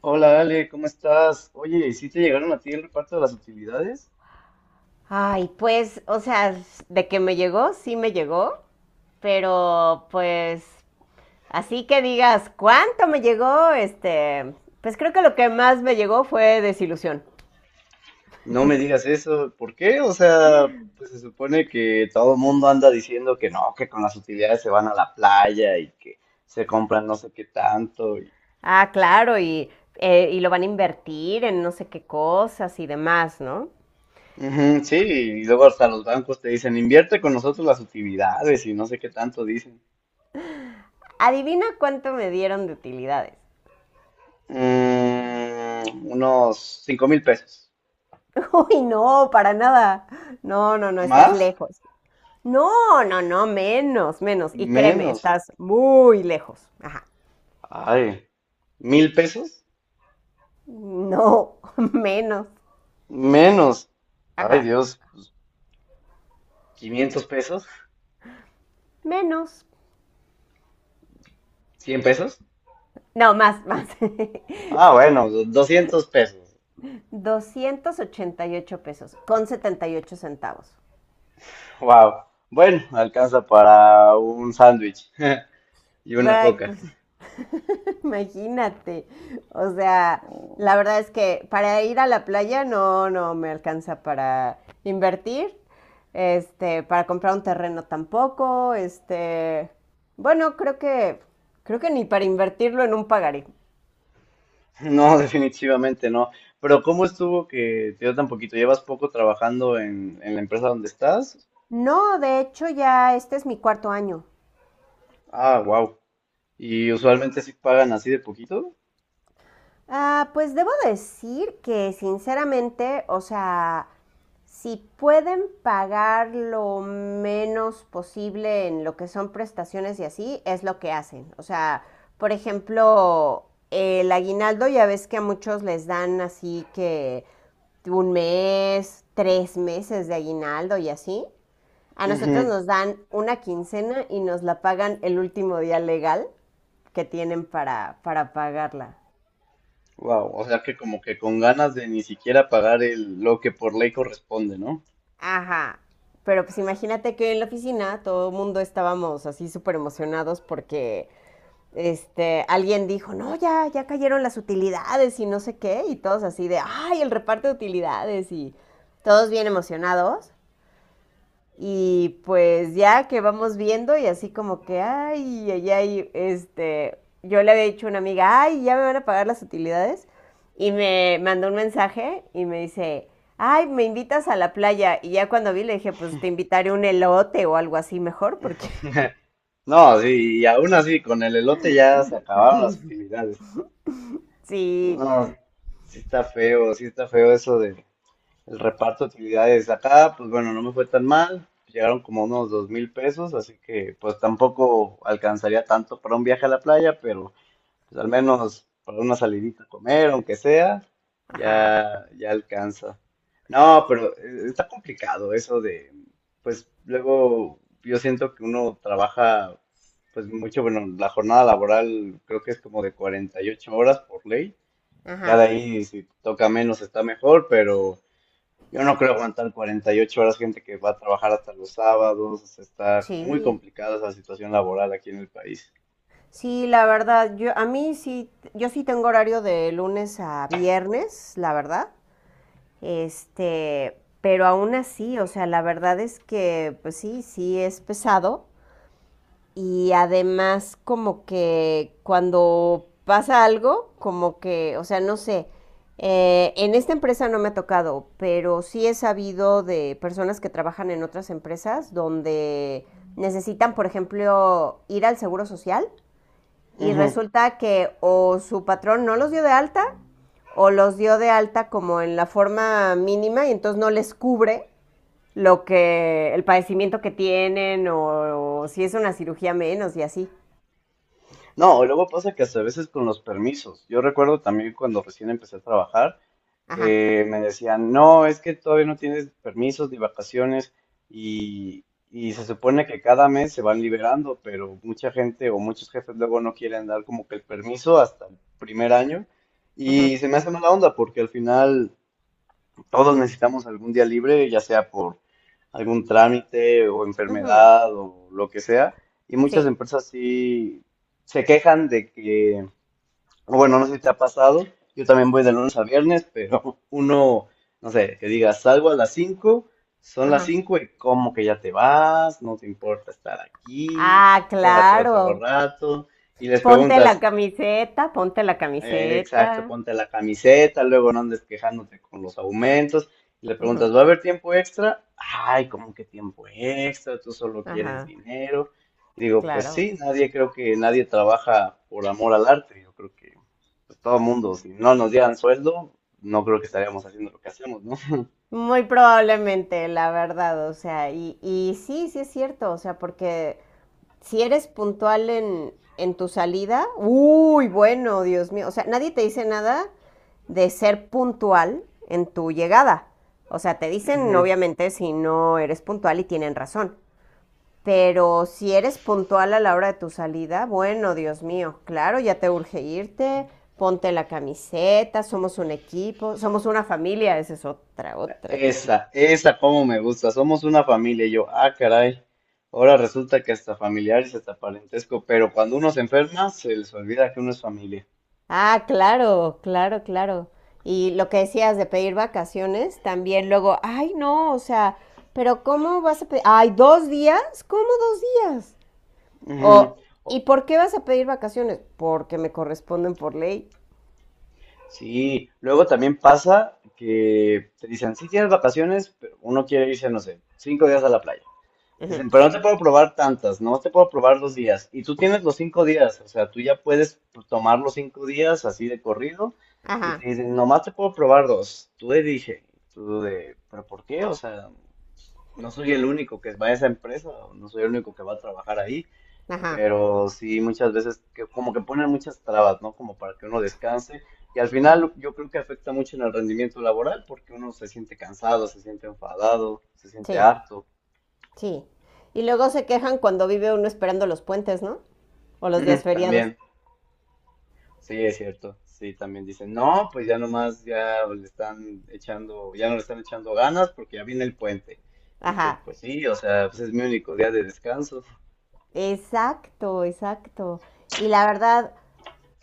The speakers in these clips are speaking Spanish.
Hola Ale, ¿cómo estás? Oye, ¿sí te llegaron a ti el reparto de las utilidades? Ay, pues, o sea, de que me llegó, sí me llegó, pero pues, así que digas, ¿cuánto me llegó? Este, pues creo que lo que más me llegó fue desilusión. No me digas eso, ¿por qué? O sea, pues se supone que todo el mundo anda diciendo que no, que con las utilidades se van a la playa y que se compran no sé qué tanto. Y... Ah, claro, y lo van a invertir en no sé qué cosas y demás, ¿no? Ujú, sí, y luego hasta los bancos te dicen, invierte con nosotros las utilidades y no sé qué tanto dicen. Adivina cuánto me dieron de utilidades. Mm, unos 5,000 pesos. Uy, no, para nada. No, no, no, estás ¿Más? lejos. No, no, no, menos, menos. Y créeme, Menos. estás muy lejos. Ajá. Ay, ¿1,000 pesos? No, menos. Menos. Ajá, Ay, Dios. 500 pesos, menos. 100 pesos, No, más, más. ah, bueno, 200 pesos. $288.78. Wow. Bueno, alcanza para un sándwich y una Ay, coca. pues imagínate. O sea, la verdad es que para ir a la playa no, no me alcanza para invertir. Este, para comprar un terreno tampoco. Este, bueno, creo que ni para invertirlo en un pagaré. No, definitivamente no. Pero ¿cómo estuvo que te dio tan poquito? ¿Llevas poco trabajando en la empresa donde estás? No, de hecho ya este es mi cuarto año. Ah, wow. ¿Y usualmente sí pagan así de poquito? Ah, pues debo decir que sinceramente, o sea, si pueden pagar lo menos posible en lo que son prestaciones y así, es lo que hacen. O sea, por ejemplo, el aguinaldo ya ves que a muchos les dan así que un mes, 3 meses de aguinaldo y así. A nosotros nos dan una quincena y nos la pagan el último día legal que tienen para pagarla. Wow. O sea que como que con ganas de ni siquiera pagar el, lo que por ley corresponde, ¿no? Ajá. Pero pues imagínate que en la oficina todo el mundo estábamos así súper emocionados porque este, alguien dijo, no, ya, ya cayeron las utilidades y no sé qué, y todos así de, ay, el reparto de utilidades y todos bien emocionados. Y pues ya que vamos viendo y así como que, ay, ay, ay, este, yo le había dicho a una amiga, ay, ya me van a pagar las utilidades. Y me mandó un mensaje y me dice, ay, me invitas a la playa. Y ya cuando vi le dije, pues te invitaré un elote o algo así mejor, porque No, sí, y aún así, con el elote ya se acabaron las utilidades. sí. No, sí está feo eso de el reparto de utilidades. Acá, pues bueno, no me fue tan mal. Llegaron como unos 2,000 pesos, así que pues tampoco alcanzaría tanto para un viaje a la playa, pero pues al menos para una salidita a comer, aunque sea, Ajá, ya, ya alcanza. No, pero está complicado eso de, pues luego yo siento que uno trabaja pues mucho, bueno, la jornada laboral creo que es como de 48 horas por ley. Ya de ajá, ahí, si te toca menos, está mejor, pero yo no creo aguantar 48 horas gente que va a trabajar hasta los sábados. O sea, está muy sí. complicada esa situación laboral aquí en el país. Sí, la verdad, yo a mí sí, yo sí tengo horario de lunes a viernes, la verdad. Este, pero aún así, o sea, la verdad es que, pues sí, sí es pesado. Y además, como que cuando pasa algo, como que, o sea, no sé, en esta empresa no me ha tocado, pero sí he sabido de personas que trabajan en otras empresas donde necesitan, por ejemplo, ir al seguro social y Ujú. resulta que o su patrón no los dio de alta o los dio de alta como en la forma mínima y entonces no les cubre lo que el padecimiento que tienen o, si es una cirugía menos y así. No, luego pasa que hasta a veces con los permisos. Yo recuerdo también cuando recién empecé a trabajar, Ajá. que me decían, no, es que todavía no tienes permisos de vacaciones y, y se supone que cada mes se van liberando, pero mucha gente o muchos jefes luego no quieren dar como que el permiso hasta el primer año Ajá. y se me hace mala onda porque al final todos necesitamos algún día libre, ya sea por algún trámite o Ajá. enfermedad o lo que sea, y muchas Sí. empresas sí se quejan de que, bueno, no sé si te ha pasado. Yo también voy de lunes a viernes, pero uno, no sé, que diga, salgo a las 5, son las Ajá. 5 y como que ya te vas, no te importa estar aquí, Ah, quédate otro claro. rato. Y les Ponte la preguntas, camiseta, ponte la camiseta. exacto, ponte la camiseta, luego no andes quejándote con los aumentos. Y le Ujú, preguntas, ¿va a haber tiempo extra? Ay, ¿cómo que tiempo extra? Tú solo quieres ajá, dinero. Y digo, pues claro. sí, nadie creo que nadie trabaja por amor al arte. Yo creo que pues, todo mundo, si no nos dieran sueldo, no creo que estaríamos haciendo lo que hacemos, ¿no? Muy probablemente, la verdad, o sea, y sí, sí es cierto, o sea, porque si eres puntual en tu salida, uy, bueno, Dios mío, o sea, nadie te dice nada de ser puntual en tu llegada. O sea, te dicen Ujú. obviamente si no eres puntual y tienen razón. Pero si eres puntual a la hora de tu salida, bueno, Dios mío, claro, ya te urge irte, ponte la camiseta, somos un equipo, somos una familia, esa es otra, otra típica. Esa como me gusta. Somos una familia. Y yo, ah, caray. Ahora resulta que hasta familiares, hasta parentesco, pero cuando uno se enferma, se les olvida que uno es familia. Ah, claro, claro, claro. Y lo que decías de pedir vacaciones, también luego, ay, no, o sea, pero ¿cómo vas a pedir? Ay, ¿2 días? ¿Cómo 2 días? Ujú. O, O- ¿y por qué vas a pedir vacaciones? Porque me corresponden por ley. Sí, luego también pasa que te dicen, sí tienes vacaciones, pero uno quiere irse, no sé, 5 días a la playa. Te Ujú. dicen, pero no te puedo probar tantas, no te puedo probar 2 días. Y tú tienes los 5 días, o sea, tú ya puedes tomar los 5 días así de corrido y Ajá, te dicen, nomás te puedo probar dos. Tú de dije, tú de, pero ¿por qué? O sea, no soy el único que va a esa empresa, o no soy el único que va a trabajar ahí. ajá, Pero sí muchas veces que como que ponen muchas trabas, ¿no? Como para que uno descanse y al ujú. final yo creo que afecta mucho en el rendimiento laboral porque uno se siente cansado, se siente enfadado, se siente Sí, harto. sí. Y luego se quejan cuando vive uno esperando los puentes, ¿no? O los días Mm, feriados. también, sí, es cierto. Sí, también dicen, no, pues ya nomás ya le están echando, ya no le están echando ganas porque ya viene el puente. Y tú, Ajá, pues sí, o sea, pues es mi único día de descanso. exacto, exacto. Y la verdad,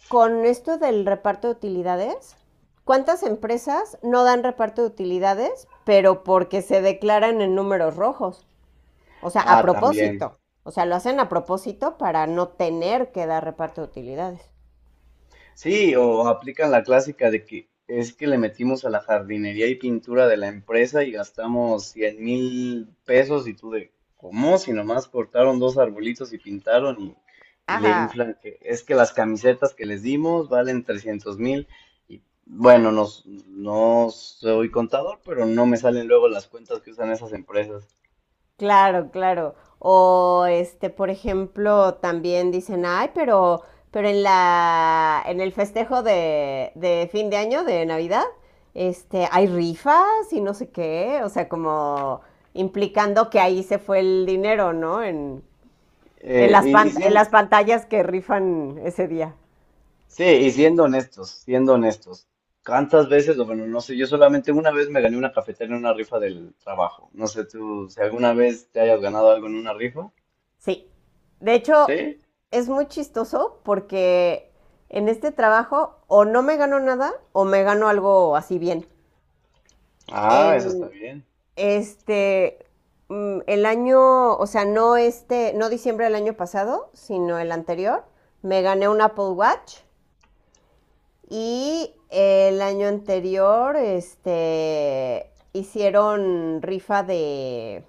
con esto del reparto de utilidades, ¿cuántas empresas no dan reparto de utilidades, pero porque se declaran en números rojos? O sea, a Ah, también. propósito. O sea, lo hacen a propósito para no tener que dar reparto de utilidades. Sí, o aplican la clásica de que es que le metimos a la jardinería y pintura de la empresa y gastamos 100,000 pesos y tú de, ¿cómo? Si nomás cortaron dos arbolitos y pintaron y le Ajá. inflan que es que las camisetas que les dimos valen 300,000 y bueno, no, no soy contador, pero no me salen luego las cuentas que usan esas empresas. Claro, claro. O este, por ejemplo, también dicen, ay, pero en en el festejo de fin de año, de Navidad, este, hay rifas y no sé qué. O sea, como implicando que ahí se fue el dinero, ¿no? En, en y, las y pan- sí, en las pantallas que rifan ese día. sí, y siendo honestos, ¿cuántas veces, o bueno, no sé, yo solamente una vez me gané una cafetera en una rifa del trabajo. No sé tú si alguna vez te hayas ganado algo en una rifa. Sí. De hecho, ¿Sí? es muy chistoso porque en este trabajo o no me gano nada o me gano algo así bien. Ah, eso está En, bien. Este, el año, o sea, no este, no diciembre del año pasado, sino el anterior, me gané un Apple Watch y el año anterior, este, hicieron rifa de,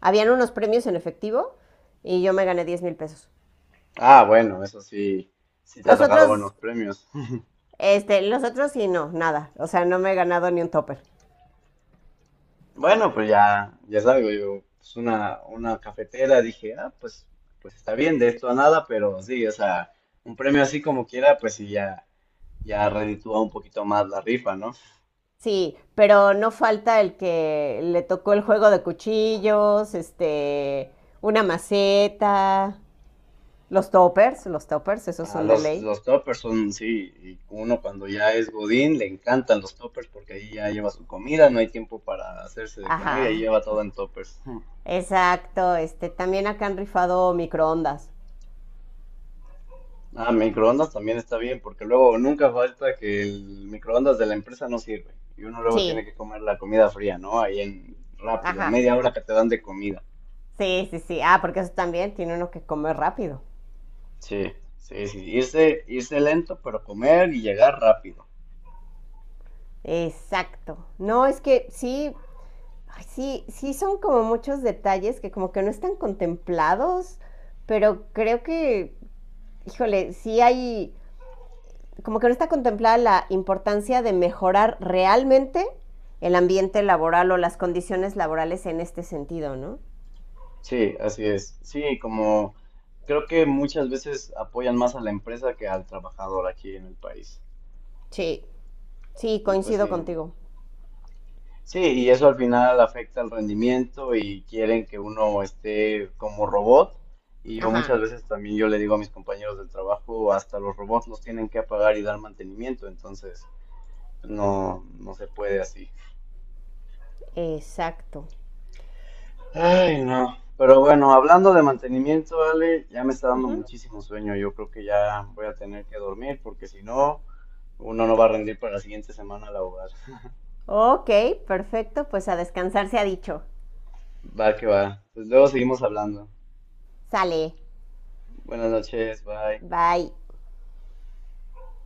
habían unos premios en efectivo y yo me gané $10,000. Ah, bueno, eso sí, sí te ha Los tocado otros, buenos premios. los otros sí, no, nada, o sea, no me he ganado ni un topper. Bueno, pues ya, ya salgo yo, pues una cafetera, dije, ah, pues, pues está bien, de esto a nada, pero sí, o sea, un premio así como quiera, pues sí, ya, ya reditúa un poquito más la rifa, ¿no? Sí, pero no falta el que le tocó el juego de cuchillos, este, una maceta, los toppers, esos Ah, son de los, ley. los toppers son, sí, y uno cuando ya es Godín le encantan los toppers porque ahí ya lleva su comida, no hay tiempo para hacerse de comer y ahí Ajá, lleva todo en toppers. Hmm. exacto, este, también acá han rifado microondas. Ah, microondas también está bien porque luego nunca falta que el microondas de la empresa no sirve y uno luego tiene Sí, que comer la comida fría, ¿no? Ahí en rápido, en ajá, media hora que te dan de comida. sí, sí, sí, ah, porque eso también tiene uno que comer rápido. Sí, sí, sí, irse, irse lento pero comer y llegar rápido. Exacto, no, es que sí, ay, sí, sí son como muchos detalles que como que no están contemplados, pero creo que híjole, sí hay, como que no está contemplada la importancia de mejorar realmente el ambiente laboral o las condiciones laborales en este sentido, ¿no? Sí, así es. Sí, como creo que muchas veces apoyan más a la empresa que al trabajador aquí en el país. Sí, sí, Y pues coincido sí, contigo. sí, y eso al final afecta al rendimiento y quieren que uno esté como robot. Y yo Ajá, muchas veces también yo le digo a mis compañeros del trabajo, hasta los robots los tienen que apagar y dar mantenimiento, entonces no, no se puede así. exacto. Ay, no. Pero bueno, hablando de mantenimiento, Ale, ya me está dando Ujú. muchísimo sueño. Yo creo que ya voy a tener que dormir porque si no... Uno no va a rendir para la siguiente semana laboral. Ok, perfecto, pues a descansar se ha dicho. Va que va. Pues luego seguimos hablando. Sale, Buenas noches, bye. bye.